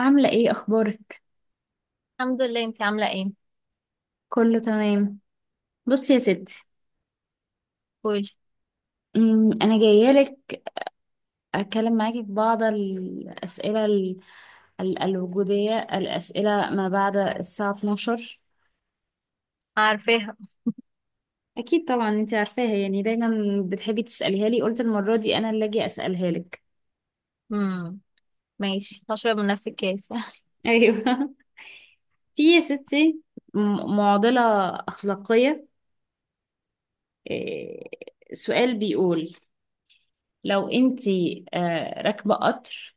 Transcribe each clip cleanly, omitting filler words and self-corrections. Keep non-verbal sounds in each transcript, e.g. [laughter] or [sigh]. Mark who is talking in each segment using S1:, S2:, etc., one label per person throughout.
S1: عاملة ايه؟ اخبارك؟
S2: الحمد لله، انت عاملة ايه؟
S1: كله تمام. بصي يا ستي،
S2: قولي.
S1: انا جاية لك اتكلم معاكي في بعض الاسئلة الوجودية، الاسئلة ما بعد الساعة 12.
S2: عارفاها.
S1: اكيد طبعا انتي عارفاها، يعني دايما بتحبي تسأليها لي، قلت المرة دي انا اللي اجي اسألها لك.
S2: امم ماشي، هشرب من نفس الكاس.
S1: ايوه [laughs] في يا ستي معضلة اخلاقية. إيه، سؤال بيقول، لو انتي راكبة قطر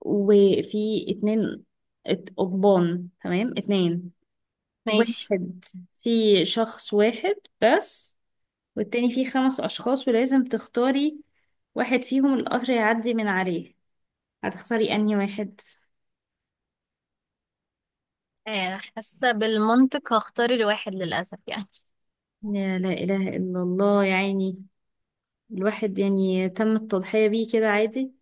S1: وفي اتنين قضبان، تمام؟ اتنين،
S2: [laughs] ماشي.
S1: واحد في شخص واحد بس، والتاني فيه خمس أشخاص، ولازم تختاري واحد فيهم القطر يعدي من عليه. هتختاري أنهي واحد؟
S2: آه، حاسة بالمنطق هختار الواحد للأسف يعني.
S1: لا، لا إله إلا الله، يعني الواحد يعني تم التضحية بيه كده عادي.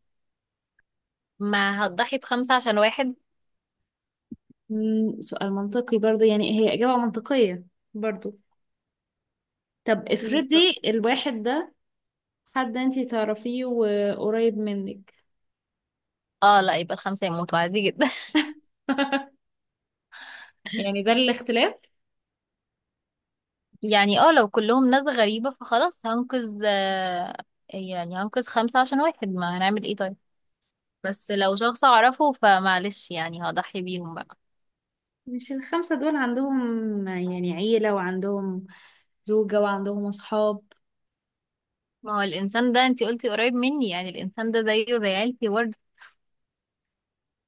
S2: ما هتضحي بخمسة عشان واحد.
S1: سؤال منطقي برضو، يعني هي إجابة منطقية برضو. طب
S2: بالظبط.
S1: افرضي الواحد ده حد انتي تعرفيه وقريب منك.
S2: اه لا، يبقى الخمسة يموتوا عادي جدا.
S1: [laughs] يعني ده الاختلاف.
S2: [laughs] يعني اه لو كلهم ناس غريبة فخلاص هنقذ، يعني هنقذ خمسة عشان واحد، ما هنعمل ايه طيب. بس لو شخص اعرفه فمعلش يعني هضحي بيهم بقى.
S1: مش الخمسة دول عندهم يعني عيلة، وعندهم زوجة، وعندهم أصحاب؟
S2: ما هو الانسان ده انتي قلتي قريب مني، يعني الانسان ده زيه زي عيلتي.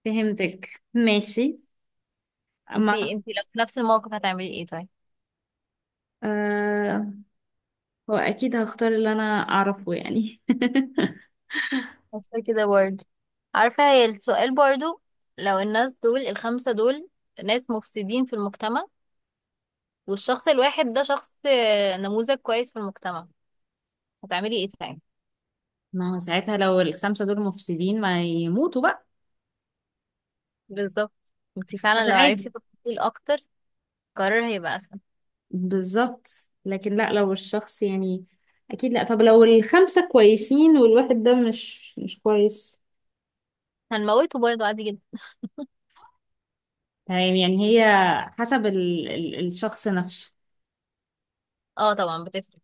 S1: فهمتك ماشي. ما
S2: انتي
S1: أعتقد-
S2: انتي لو في نفس الموقف هتعملي ايه طيب؟
S1: آه هو أكيد هختار اللي أنا أعرفه يعني. [laughs]
S2: حاسه كده برضه. عارفه هي السؤال برضه، لو الناس دول الخمسه دول ناس مفسدين في المجتمع، والشخص الواحد ده شخص نموذج كويس في المجتمع، هتعملي ايه ساعتها؟
S1: ما هو ساعتها لو الخمسة دول مفسدين ما يموتوا بقى.
S2: بالظبط، انتي
S1: ما
S2: فعلا
S1: ده
S2: لو عرفتي
S1: عادي.
S2: تفاصيل اكتر القرار هيبقى اسهل.
S1: بالظبط. لكن لا، لو الشخص يعني أكيد لا. طب لو الخمسة كويسين والواحد ده مش كويس؟
S2: هنموته برضه عادي جدا.
S1: تمام. يعني هي حسب ال ال الشخص نفسه.
S2: اه طبعا بتفرق.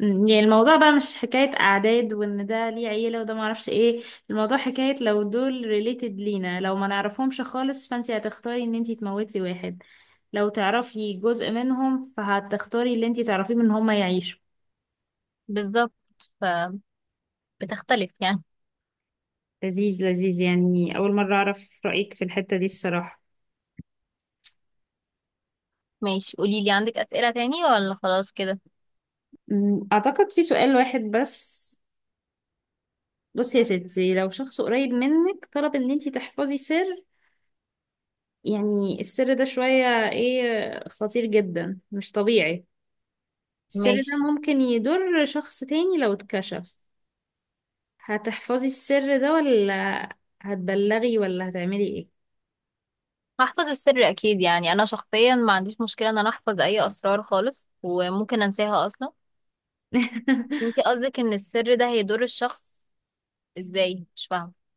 S1: يعني الموضوع بقى مش حكاية أعداد، وإن ده ليه عيلة وده معرفش إيه. الموضوع حكاية، لو دول ريليتد لينا، لو ما نعرفهمش خالص فأنتي هتختاري إن أنتي تموتي واحد. لو تعرفي جزء منهم فهتختاري اللي أنتي تعرفيه من هما يعيشوا.
S2: بالظبط، فبتختلف يعني.
S1: لذيذ لذيذ، يعني أول مرة أعرف رأيك في الحتة دي الصراحة.
S2: ماشي، قوليلي عندك اسئله تاني ولا خلاص كده؟
S1: أعتقد في سؤال واحد بس. بصي يا ستي، لو شخص قريب منك طلب إن أنتي تحفظي سر، يعني السر ده شوية إيه، خطير جدا مش طبيعي، السر ده
S2: ماشي.
S1: ممكن يضر شخص تاني لو اتكشف، هتحفظي السر ده ولا هتبلغي ولا هتعملي ايه؟
S2: هحفظ السر اكيد، يعني انا شخصيا ما عنديش مشكله ان انا احفظ اي اسرار خالص، وممكن انساها اصلا. انتي
S1: [laughs]
S2: قصدك ان السر ده هيضر الشخص؟ ازاي؟ مش فاهمه.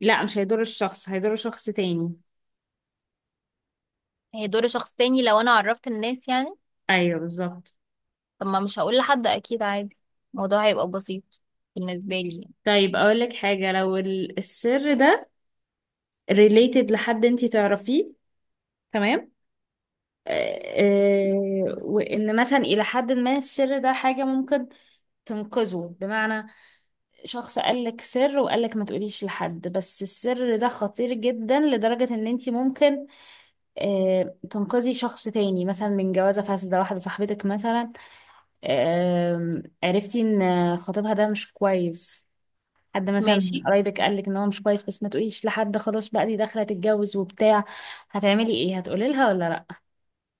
S1: لا، مش هيضر الشخص، هيضر شخص تاني.
S2: هيضر شخص تاني لو انا عرفت الناس يعني.
S1: ايوه بالظبط.
S2: طب ما مش هقول لحد اكيد عادي، الموضوع هيبقى بسيط بالنسبه لي يعني.
S1: طيب اقولك حاجة، لو السر ده related لحد انتي تعرفيه، تمام؟ آه، وان مثلا الى حد ما السر ده حاجة ممكن تنقذه، بمعنى شخص قالك سر وقالك ما تقوليش لحد، بس السر ده خطير جدا لدرجة ان انتي ممكن تنقذي شخص تاني، مثلا من جوازة فاسدة. واحدة صاحبتك مثلا، عرفتي ان خطيبها ده مش كويس، حد مثلا من
S2: ماشي.
S1: قرايبك قالك ان هو مش كويس، بس ما تقوليش لحد، خلاص بقى دي داخلة تتجوز وبتاع. هتعملي ايه، هتقولي لها ولا لا؟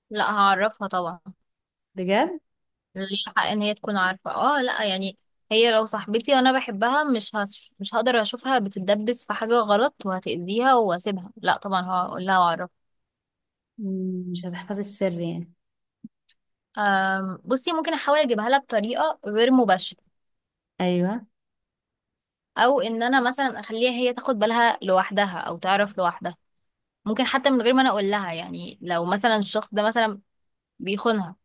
S2: لا، هعرفها طبعا.
S1: بجد؟
S2: ليها حق ان هي تكون عارفه، اه لا يعني. هي لو صاحبتي وانا بحبها مش هقدر اشوفها بتتدبس في حاجه غلط وهتأذيها واسيبها، لا طبعا هقول لها واعرفها.
S1: مش هتحفظي السر يعني؟
S2: بصي ممكن احاول اجيبها لها بطريقه غير مباشره،
S1: ايوه.
S2: او ان انا مثلا اخليها هي تاخد بالها لوحدها او تعرف لوحدها. ممكن حتى من غير ما انا اقول لها يعني، لو مثلا الشخص ده مثلا بيخونها،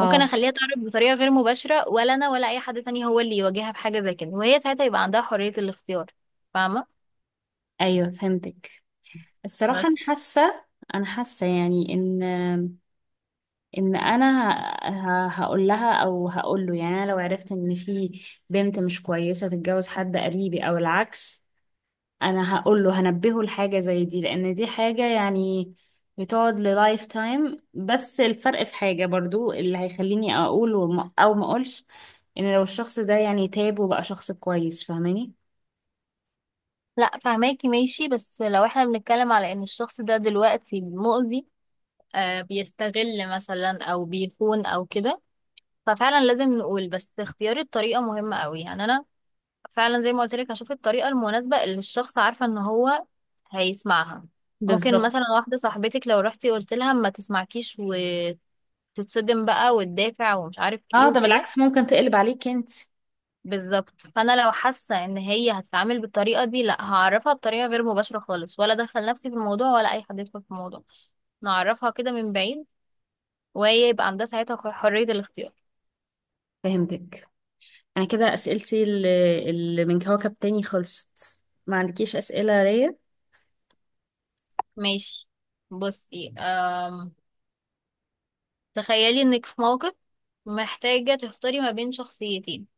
S2: ممكن اخليها تعرف بطريقه غير مباشره، ولا انا ولا اي حد تاني هو اللي يواجهها بحاجه زي كده، وهي ساعتها يبقى عندها حريه الاختيار. فاهمه؟
S1: ايوه فهمتك. الصراحة أنا
S2: بس
S1: حاسة، أنا حاسة يعني إن، إن أنا هقول لها أو هقول له. يعني أنا لو عرفت إن في بنت مش كويسة تتجوز حد قريبي أو العكس، أنا هقول له، هنبهه لحاجة زي دي، لأن دي حاجة يعني بتقعد للايف تايم. بس الفرق في حاجة برضو اللي هيخليني أقول أو ما أقولش، إن لو الشخص ده يعني تاب وبقى شخص كويس، فاهماني؟
S2: لا، فهماكي ماشي، بس لو احنا بنتكلم على ان الشخص ده دلوقتي مؤذي، بيستغل مثلا او بيخون او كده، ففعلا لازم نقول، بس اختيار الطريقة مهمة قوي يعني. انا فعلا زي ما قلت لك هشوف الطريقة المناسبة اللي الشخص عارفة ان هو هيسمعها. ممكن
S1: بالظبط.
S2: مثلا واحدة صاحبتك لو رحتي قلت لها ما تسمعكيش وتتصدم بقى وتدافع ومش عارف
S1: اه
S2: ايه
S1: ده
S2: وكده.
S1: بالعكس، ممكن تقلب عليك انت.
S2: بالظبط، فانا لو حاسة ان هي هتتعامل بالطريقة دي، لا هعرفها بطريقة غير مباشرة خالص ولا ادخل نفسي في الموضوع ولا اي حد يدخل في الموضوع. نعرفها كده من بعيد، وهي يبقى عندها ساعتها حرية الاختيار.
S1: فهمتك. انا كده اسئلتي اللي من كوكب تاني خلصت. ما عندكيش اسئله ليا؟
S2: ماشي. بصي تخيلي انك في موقف محتاجة تختاري ما بين شخصيتين.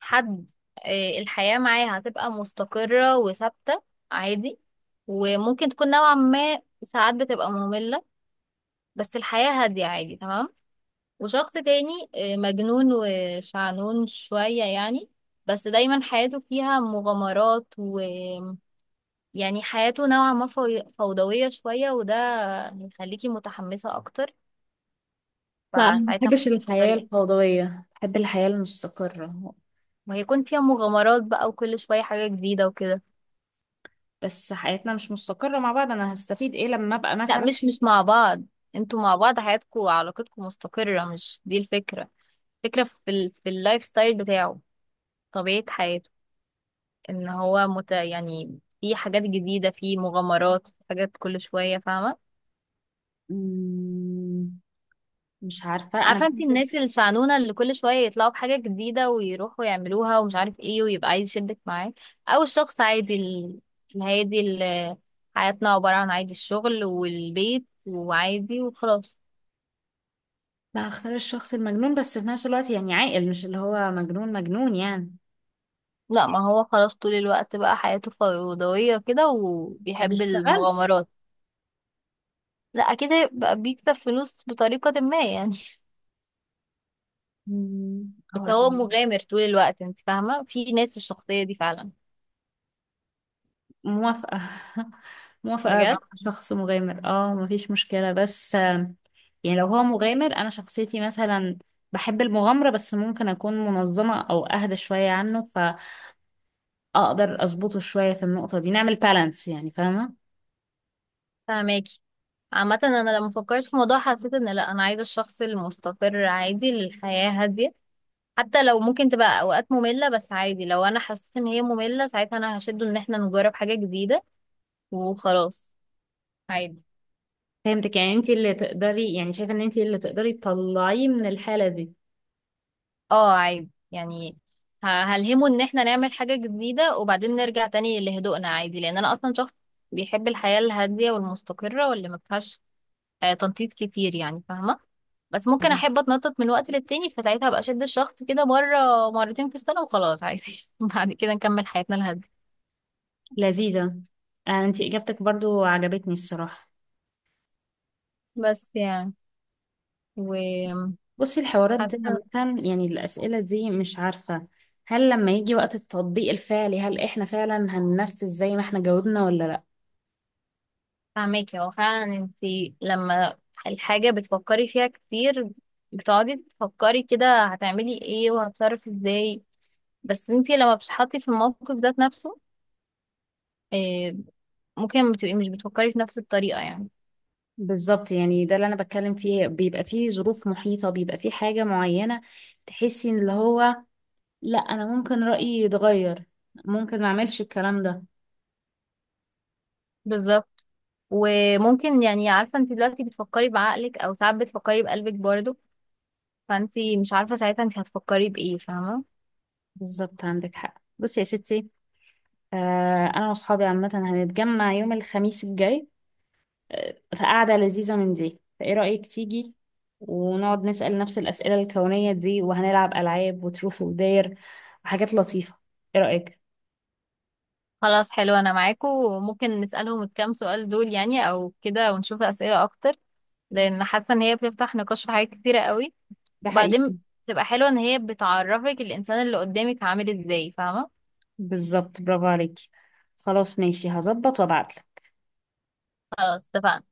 S2: حد الحياة معاه هتبقى مستقرة وثابتة عادي، وممكن تكون نوعا ما ساعات بتبقى مملة، بس الحياة هادية عادي تمام. وشخص تاني مجنون وشعنون شوية يعني، بس دايما حياته فيها مغامرات ويعني حياته نوعا ما فوضوية شوية، وده هيخليكي متحمسة أكتر.
S1: لا انا ما
S2: فساعتها
S1: بحبش الحياه
S2: هتختاري،
S1: الفوضويه، بحب الحياه المستقره.
S2: وهيكون فيها مغامرات بقى وكل شوية حاجة جديدة وكده.
S1: بس حياتنا مش مستقره مع بعض، انا هستفيد ايه لما ابقى
S2: لا،
S1: مثلا.
S2: مش مع بعض. انتوا مع بعض حياتكوا علاقتكوا مستقرة، مش دي الفكرة. الفكرة في اللايف ستايل بتاعه، طبيعة حياته، يعني في حاجات جديدة في مغامرات في حاجات كل شوية، فاهمة؟
S1: مم، مش عارفه، انا
S2: عارفة انت
S1: بحب.
S2: الناس الشعنونة اللي كل شوية يطلعوا بحاجة جديدة ويروحوا يعملوها ومش عارف ايه ويبقى عايز يشدك معاه، او الشخص عادي الهادي اللي حياتنا عبارة عن عادي، الشغل والبيت وعادي وخلاص.
S1: لا، هختار الشخص المجنون، بس في نفس الوقت يعني عاقل، مش اللي هو مجنون مجنون يعني.
S2: لا ما هو خلاص طول الوقت بقى حياته فوضوية كده
S1: ما
S2: وبيحب
S1: بيشتغلش؟
S2: المغامرات. لا أكيد هيبقى بيكسب فلوس بطريقة ما يعني،
S1: هو.
S2: بس هو مغامر طول الوقت، انت فاهمة، في ناس الشخصية دي فعلا.
S1: موافقة [laughs] موافقة أبقى
S2: بجد.
S1: مع شخص مغامر، اه مفيش مشكلة، بس يعني لو هو مغامر، أنا شخصيتي مثلا بحب المغامرة، بس ممكن أكون منظمة أو أهدى شوية عنه، فأقدر أظبطه شوية في النقطة دي، نعمل بالانس يعني، فاهمة؟
S2: فاهماكي. عامة أنا لما فكرت في الموضوع حسيت إن لأ، أنا عايزة الشخص المستقر عادي، للحياة هادية، حتى لو ممكن تبقى أوقات مملة، بس عادي لو أنا حسيت إن هي مملة ساعتها أنا هشده إن احنا نجرب حاجة جديدة وخلاص عادي.
S1: فهمتك. يعني انتي اللي تقدري، يعني شايفة ان انتي اللي تقدري تطلعيه من الحالة دي.
S2: اه عادي يعني، هلهمه ان احنا نعمل حاجة جديدة وبعدين نرجع تاني لهدوءنا عادي، لان انا اصلا شخص بيحب الحياة الهادية والمستقرة واللي ما فيهاش تنطيط كتير يعني، فاهمة؟ بس ممكن
S1: يعني
S2: احب اتنطط من وقت للتاني، فساعتها ابقى اشد الشخص كده مرة مرتين في السنة وخلاص عادي. [laughs] بعد كده نكمل حياتنا الهادية.
S1: لذيذة. انتي إجابتك برضو عجبتني الصراحة.
S2: بس يعني، وحاسة.
S1: بصي الحوارات دي عامة، يعني الأسئلة دي، مش عارفة هل لما يجي وقت التطبيق الفعلي هل احنا فعلا هننفذ زي ما احنا جاوبنا ولا لا.
S2: فاهماكي، هو فعلا انتي لما الحاجة بتفكري فيها كتير، بتقعدي تفكري كده هتعملي ايه وهتصرف ازاي، بس انتي لما بتتحطي في الموقف ده نفسه، آه، ممكن ما بتبقي مش بتفكري في نفس الطريقة يعني.
S1: بالظبط. يعني ده اللي انا بتكلم فيه، بيبقى فيه ظروف محيطة، بيبقى فيه حاجة معينة تحسي ان اللي هو لا، انا ممكن رأيي يتغير، ممكن ما اعملش الكلام ده.
S2: بالظبط، وممكن يعني عارفة انتي دلوقتي بتفكري بعقلك او ساعات بتفكري بقلبك برضه، فانتي مش عارفة ساعتها انتي هتفكري بإيه، فاهمة؟
S1: بالظبط عندك حق. بصي يا ستي، انا واصحابي عامة هنتجمع يوم الخميس الجاي، فقعدة لذيذة من دي، فايه رأيك تيجي ونقعد نسأل نفس الأسئلة الكونية دي، وهنلعب ألعاب وتروث ودير وحاجات لطيفة. ايه رأيك؟
S2: خلاص حلو، انا معاكو، وممكن نسألهم الكام سؤال دول يعني او كده ونشوف أسئلة اكتر، لان حاسة ان هي بتفتح نقاش في حاجات كتيرة قوي.
S1: ده
S2: وبعدين
S1: حقيقي.
S2: بتبقى حلوة ان هي بتعرفك الانسان اللي قدامك عامل ازاي، فاهمة؟
S1: بالظبط، برافو عليكي. خلاص ماشي، هظبط وابعتلك.
S2: خلاص اتفقنا.